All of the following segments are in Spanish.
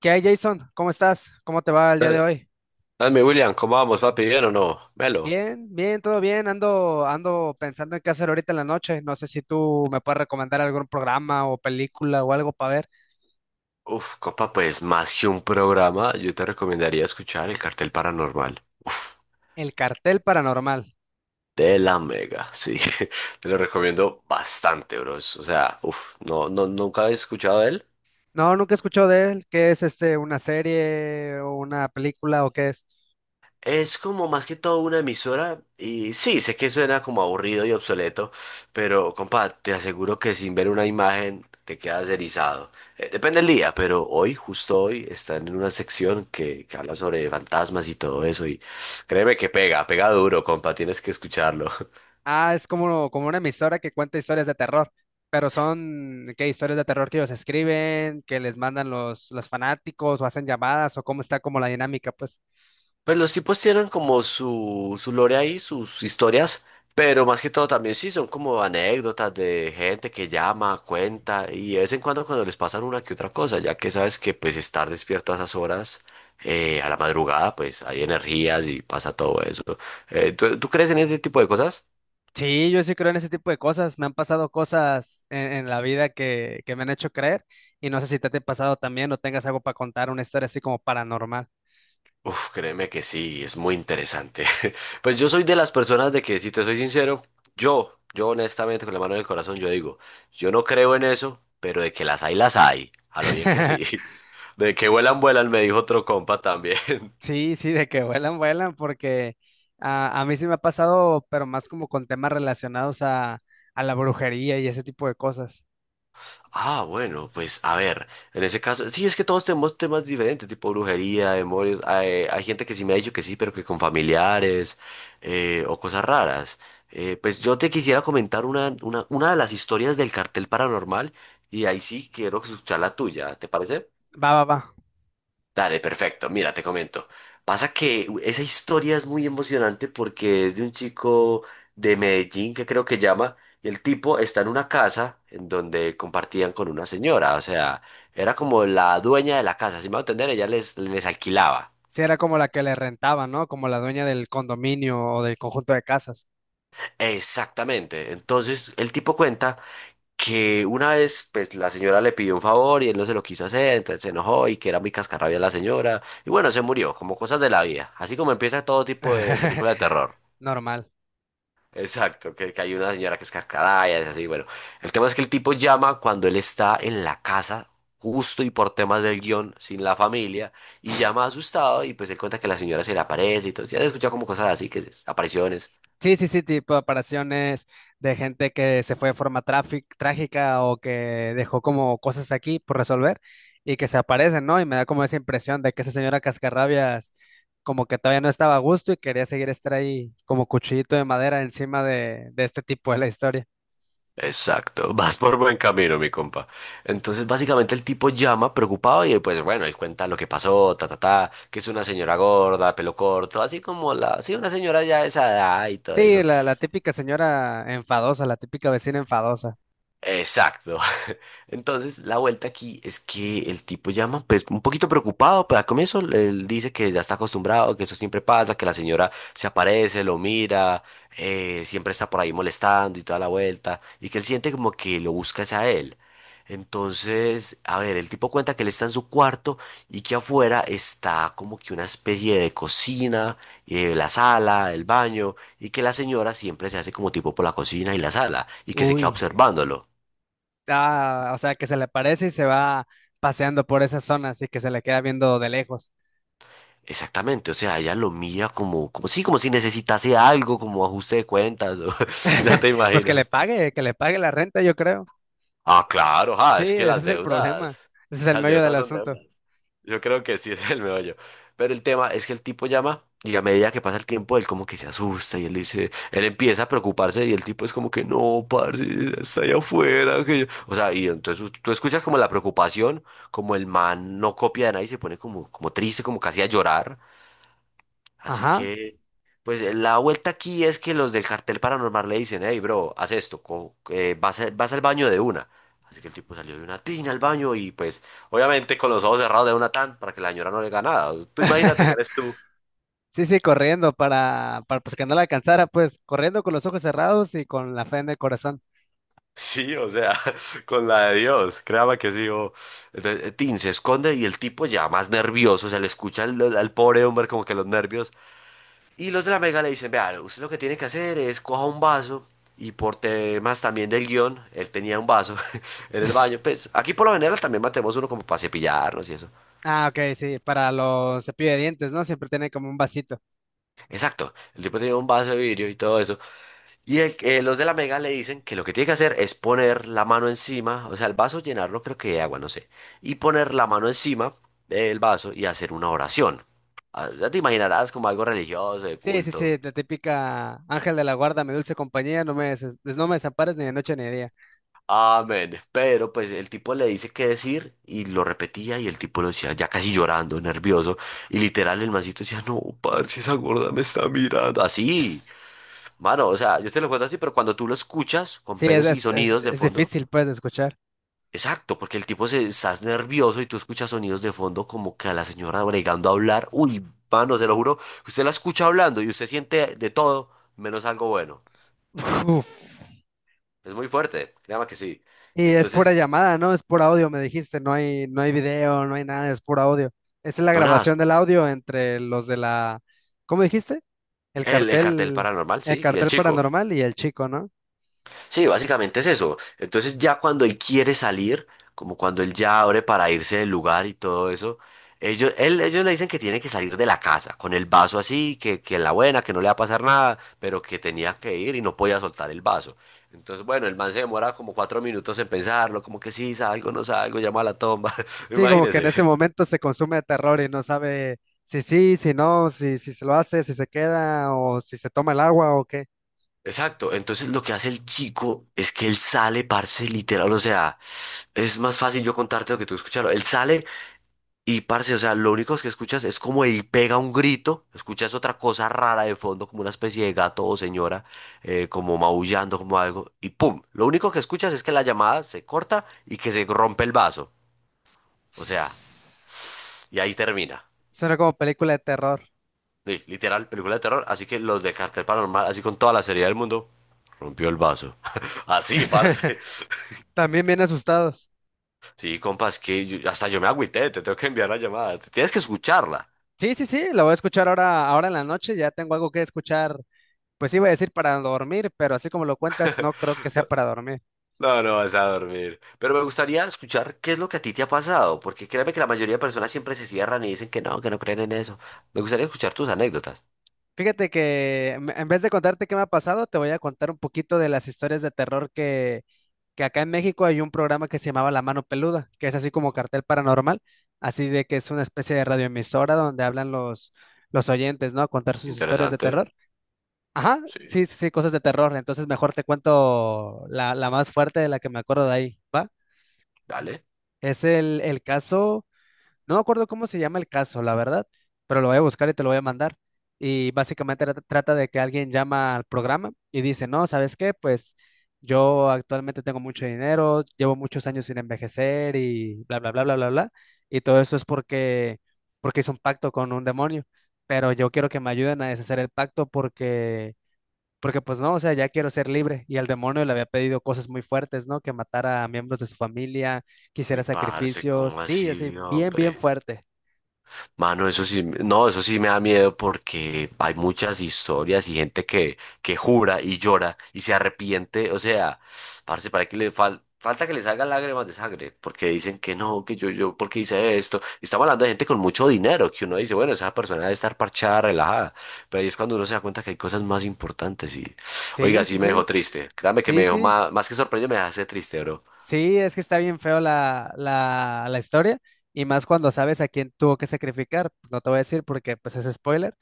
¿Qué hay, Jason? ¿Cómo estás? ¿Cómo te va el día de Eh, hoy? Dame, William, ¿cómo vamos, papi? ¿Bien o no? Melo. Bien, bien, todo bien. Ando pensando en qué hacer ahorita en la noche. No sé si tú me puedes recomendar algún programa o película o algo para ver. Uf, copa, pues más que un programa, yo te recomendaría escuchar El Cartel Paranormal. Uf, El Cartel Paranormal. de la Mega, sí. Te lo recomiendo bastante, bros. O sea, uf, no, no, nunca he escuchado de él. No, nunca he escuchado de él. ¿Qué es este? ¿Una serie o una película o qué es? Es como más que todo una emisora y sí, sé que suena como aburrido y obsoleto, pero compa, te aseguro que sin ver una imagen te quedas erizado. Depende del día, pero hoy, justo hoy, están en una sección que habla sobre fantasmas y todo eso, y créeme que pega, pega duro, compa, tienes que escucharlo. Ah, es como, como una emisora que cuenta historias de terror. Pero son, ¿qué? Historias de terror que ellos escriben, que les mandan los fanáticos o hacen llamadas o cómo está como la dinámica, pues. Pues los tipos tienen como su lore ahí, sus historias, pero más que todo también sí son como anécdotas de gente que llama, cuenta y de vez en cuando cuando les pasan una que otra cosa, ya que sabes que pues estar despierto a esas horas, a la madrugada, pues hay energías y pasa todo eso. ¿Tú crees en ese tipo de cosas? Sí, yo sí creo en ese tipo de cosas. Me han pasado cosas en la vida que me han hecho creer y no sé si te ha pasado también o tengas algo para contar, una historia así como paranormal. Uf, créeme que sí, es muy interesante. Pues yo soy de las personas de que, si te soy sincero, yo honestamente, con la mano en el corazón, yo digo, yo no creo en eso, pero de que las hay, las hay. A lo bien que sí. De que vuelan, vuelan, me dijo otro compa también. Sí, sí, de que vuelan, vuelan, porque a mí sí me ha pasado, pero más como con temas relacionados a la brujería y ese tipo de cosas. Ah, bueno, pues a ver, en ese caso, sí, es que todos tenemos temas diferentes, tipo brujería, demonios. Hay gente que sí me ha dicho que sí, pero que con familiares, o cosas raras. Pues yo te quisiera comentar una de las historias del Cartel Paranormal y ahí sí quiero escuchar la tuya, ¿te parece? Va, va, va. Dale, perfecto. Mira, te comento. Pasa que esa historia es muy emocionante porque es de un chico de Medellín que creo que llama, y el tipo está en una casa en donde compartían con una señora, o sea, era como la dueña de la casa, si me va a entender, ella les, les alquilaba. Sí, era como la que le rentaba, ¿no? Como la dueña del condominio o del conjunto de casas. Exactamente. Entonces, el tipo cuenta que una vez, pues, la señora le pidió un favor y él no se lo quiso hacer, entonces se enojó y que era muy cascarrabia la señora, y bueno, se murió, como cosas de la vida, así como empieza todo tipo de película de terror. Normal. Exacto, que hay una señora que es carcada y es así, bueno. El tema es que el tipo llama cuando él está en la casa, justo y por temas del guión, sin la familia, y llama asustado y pues él cuenta que la señora se le aparece y todo. Ya se escucha como cosas así, apariciones. Sí, sí, sí, tipo apariciones de gente que se fue de forma trágica o que dejó como cosas aquí por resolver y que se aparecen, ¿no? Y me da como esa impresión de que esa señora Cascarrabias como que todavía no estaba a gusto y quería seguir estar ahí como cuchillito de madera encima de este tipo de la historia. Exacto, vas por buen camino, mi compa. Entonces, básicamente el tipo llama preocupado y pues bueno, él cuenta lo que pasó, ta, ta, ta, que es una señora gorda, pelo corto, así como la, sí, una señora ya de esa edad y todo Sí, eso. la típica señora enfadosa, la típica vecina enfadosa. Exacto. Entonces, la vuelta aquí es que el tipo llama, pues, un poquito preocupado, pero al comienzo él dice que ya está acostumbrado, que eso siempre pasa, que la señora se aparece, lo mira, siempre está por ahí molestando y toda la vuelta, y que él siente como que lo busca es a él. Entonces, a ver, el tipo cuenta que él está en su cuarto y que afuera está como que una especie de cocina, la sala, el baño, y que la señora siempre se hace como tipo por la cocina y la sala, y que se Uy. queda observándolo. Ah, o sea, que se le aparece y se va paseando por esas zonas y que se le queda viendo de lejos. Exactamente, o sea, ella lo mira como, como sí, como si necesitase algo, como ajuste de cuentas, o- ya te Pues imaginas. Que le pague la renta, yo creo. Ah, claro, ah, Sí, es que ese es el problema. Ese es el las meollo del deudas son asunto. deudas. Yo creo que sí es el meollo. Pero el tema es que el tipo llama y a medida que pasa el tiempo, él como que se asusta y él dice, él empieza a preocuparse y el tipo es como que no, parce, está allá afuera, que yo... O sea, y entonces tú escuchas como la preocupación, como el man no copia de nadie, se pone como, como triste, como casi a llorar. Así Ajá. que, pues la vuelta aquí es que los del Cartel Paranormal le dicen, hey, bro, haz esto, vas, vas al baño de una. Así que el tipo salió de una tina al baño y pues obviamente con los ojos cerrados de una tan para que la señora no le haga nada. Tú imagínate que eres tú. Sí, sí, corriendo para pues que no la alcanzara, pues corriendo con los ojos cerrados y con la fe en el corazón. Sí, o sea, con la de Dios, créame que sí. O... Entonces, Tin se esconde y el tipo ya más nervioso, se le escucha al pobre hombre como que los nervios. Y los de la Mega le dicen, vea, usted lo que tiene que hacer es coja un vaso y por temas también del guión, él tenía un vaso en el baño. Pues aquí por lo general también matemos uno como para cepillarnos y eso. Ah, ok, sí, para los cepillos de dientes, ¿no? Siempre tiene como un vasito. Exacto, el tipo tenía un vaso de vidrio y todo eso. Los de la Mega le dicen que lo que tiene que hacer es poner la mano encima, o sea, el vaso llenarlo creo que de agua, no sé, y poner la mano encima del vaso y hacer una oración. Ah, ya te imaginarás como algo religioso, de Sí, sí, sí, culto. la típica Ángel de la Guarda, mi dulce compañía, no me, no me desampares ni de noche ni de día. Amén. Pero pues el tipo le dice qué decir y lo repetía y el tipo lo decía ya casi llorando, nervioso. Y literal el mancito decía, no, parce, esa gorda me está mirando. Así, mano, o sea, yo te lo cuento así, pero cuando tú lo escuchas con Sí, pelos y es, sonidos de es fondo, difícil, pues, de escuchar. exacto, porque el tipo se está nervioso y tú escuchas sonidos de fondo como que a la señora bregando a hablar. Uy, mano, se lo juro, usted la escucha hablando y usted siente de todo menos algo bueno. Uf. Es muy fuerte, créame que sí. Y es pura Entonces... llamada, ¿no? Es pura audio, me dijiste, no hay, no hay video, no hay nada, es pura audio. Esta es la No, nada. grabación del audio entre los de la, ¿cómo dijiste? El El Cartel cartel, Paranormal, el sí, y el cartel chico. paranormal y el chico, ¿no? Sí, básicamente es eso. Entonces ya cuando él quiere salir, como cuando él ya abre para irse del lugar y todo eso, ellos le dicen que tiene que salir de la casa, con el vaso así, que la buena, que no le va a pasar nada, pero que tenía que ir y no podía soltar el vaso. Entonces, bueno, el man se demora como cuatro minutos en pensarlo, como que sí, salgo, no salgo, llama a la tomba, Sí, como que en imagínese. ese momento se consume de terror y no sabe si sí, si no, si, si se lo hace, si se queda o si se toma el agua o qué. Exacto, entonces lo que hace el chico es que él sale, parce, literal, o sea, es más fácil yo contarte lo que tú escucharlo. Él sale y, parce, o sea, lo único que escuchas es como él pega un grito, escuchas otra cosa rara de fondo, como una especie de gato o señora, como maullando, como algo, y pum, lo único que escuchas es que la llamada se corta y que se rompe el vaso, o sea, Suena y ahí termina. como película de terror. Sí, literal, película de terror, así que los de Cartel Paranormal, así con toda la seriedad del mundo, rompió el vaso. Así, parce. También bien asustados. Sí, compas, hasta yo me agüité, te tengo que enviar la llamada, tienes que escucharla. Sí, sí, sí, la voy a escuchar ahora, ahora en la noche. Ya tengo algo que escuchar. Pues iba a decir para dormir, pero así como lo cuentas, no creo que sea No, para dormir. no, no vas a dormir. Pero me gustaría escuchar qué es lo que a ti te ha pasado, porque créeme que la mayoría de personas siempre se cierran y dicen que no creen en eso. Me gustaría escuchar tus anécdotas. Fíjate que en vez de contarte qué me ha pasado, te voy a contar un poquito de las historias de terror que acá en México hay un programa que se llamaba La Mano Peluda, que es así como cartel paranormal, así de que es una especie de radioemisora donde hablan los oyentes, ¿no? A contar sus historias de Interesante, terror. Ajá, sí, sí, sí, sí, cosas de terror. Entonces mejor te cuento la, la más fuerte de la que me acuerdo de ahí, ¿va? dale. Es el caso, no me acuerdo cómo se llama el caso, la verdad, pero lo voy a buscar y te lo voy a mandar. Y básicamente trata de que alguien llama al programa y dice, no, ¿sabes qué? Pues yo actualmente tengo mucho dinero, llevo muchos años sin envejecer y bla, bla, bla, bla, bla, bla. Y todo eso es porque, porque hice un pacto con un demonio, pero yo quiero que me ayuden a deshacer el pacto porque pues no, o sea, ya quiero ser libre. Y al demonio le había pedido cosas muy fuertes, ¿no? Que matara a miembros de su familia, quisiera Uy, parce, sacrificios. ¿cómo Sí, así, así, bien, bien hombre? fuerte. Mano, eso sí, no, eso sí me da miedo porque hay muchas historias y gente que jura y llora y se arrepiente. O sea, parce, para que le falta que le haga lágrimas de sangre porque dicen que no, que yo, porque hice esto. Y estamos hablando de gente con mucho dinero que uno dice, bueno, esa persona debe estar parchada, relajada. Pero ahí es cuando uno se da cuenta que hay cosas más importantes. Y, Sí, oiga, sí, sí me dejó sí. triste. Créame que me Sí, dejó sí. más, más que sorprendido, me dejaste triste, bro. Sí, es que está bien feo la, la, la historia. Y más cuando sabes a quién tuvo que sacrificar, pues. No te voy a decir porque pues es spoiler.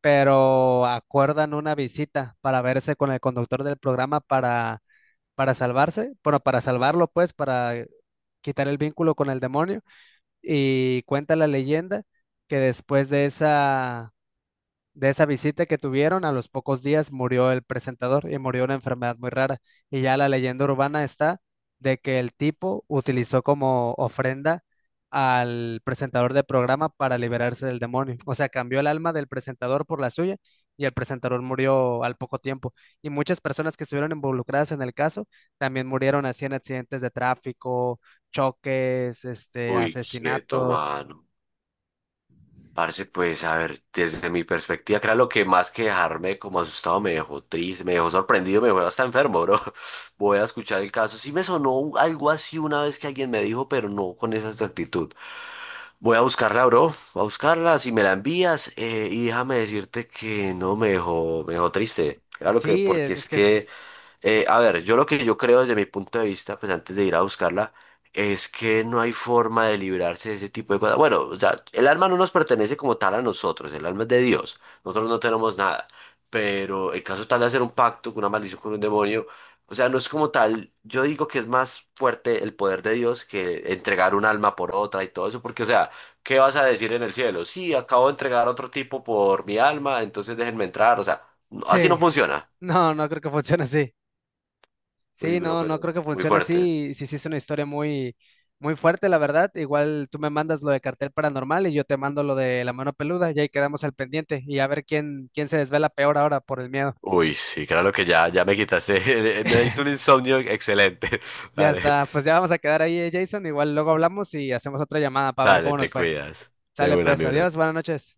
Pero acuerdan una visita para verse con el conductor del programa para salvarse. Bueno, para salvarlo, pues, para quitar el vínculo con el demonio. Y cuenta la leyenda que después de esa visita que tuvieron, a los pocos días murió el presentador y murió una enfermedad muy rara. Y ya la leyenda urbana está de que el tipo utilizó como ofrenda al presentador del programa para liberarse del demonio. O sea, cambió el alma del presentador por la suya y el presentador murió al poco tiempo. Y muchas personas que estuvieron involucradas en el caso también murieron así en accidentes de tráfico, choques, este, Uy, quieto, asesinatos. mano. Parce, pues a ver, desde mi perspectiva, creo lo que más que dejarme como asustado me dejó triste, me dejó sorprendido, me dejó hasta enfermo, bro. Voy a escuchar el caso. Sí me sonó algo así una vez que alguien me dijo, pero no con esa exactitud. Voy a buscarla, bro. Voy a buscarla, si me la envías, y déjame decirte que no me dejó, me dejó triste. Claro que, Sí, porque es es que es. que a ver, yo lo que yo creo desde mi punto de vista, pues antes de ir a buscarla, es que no hay forma de librarse de ese tipo de cosas. Bueno, o sea, el alma no nos pertenece como tal a nosotros, el alma es de Dios, nosotros no tenemos nada, pero el caso tal de hacer un pacto con una maldición con un demonio, o sea, no es como tal, yo digo que es más fuerte el poder de Dios que entregar un alma por otra y todo eso, porque o sea, ¿qué vas a decir en el cielo? Sí, acabo de entregar a otro tipo por mi alma, entonces déjenme entrar, o sea, así no Sí, funciona. no, no creo que funcione así. Uy, Sí, bro, no, no pero creo que muy funcione fuerte. así. Sí, sí, es una historia muy, muy fuerte, la verdad. Igual tú me mandas lo de cartel paranormal y yo te mando lo de la mano peluda y ahí quedamos al pendiente y a ver quién, quién se desvela peor ahora por el miedo. Uy, sí, claro que ya, ya me quitaste. Me diste un insomnio excelente. Ya Dale, está, pues ya vamos a quedar ahí, Jason. Igual luego hablamos y hacemos otra llamada para ver dale, cómo te nos fue. cuidas. De Sale una, pues, mi adiós, bro. buenas noches.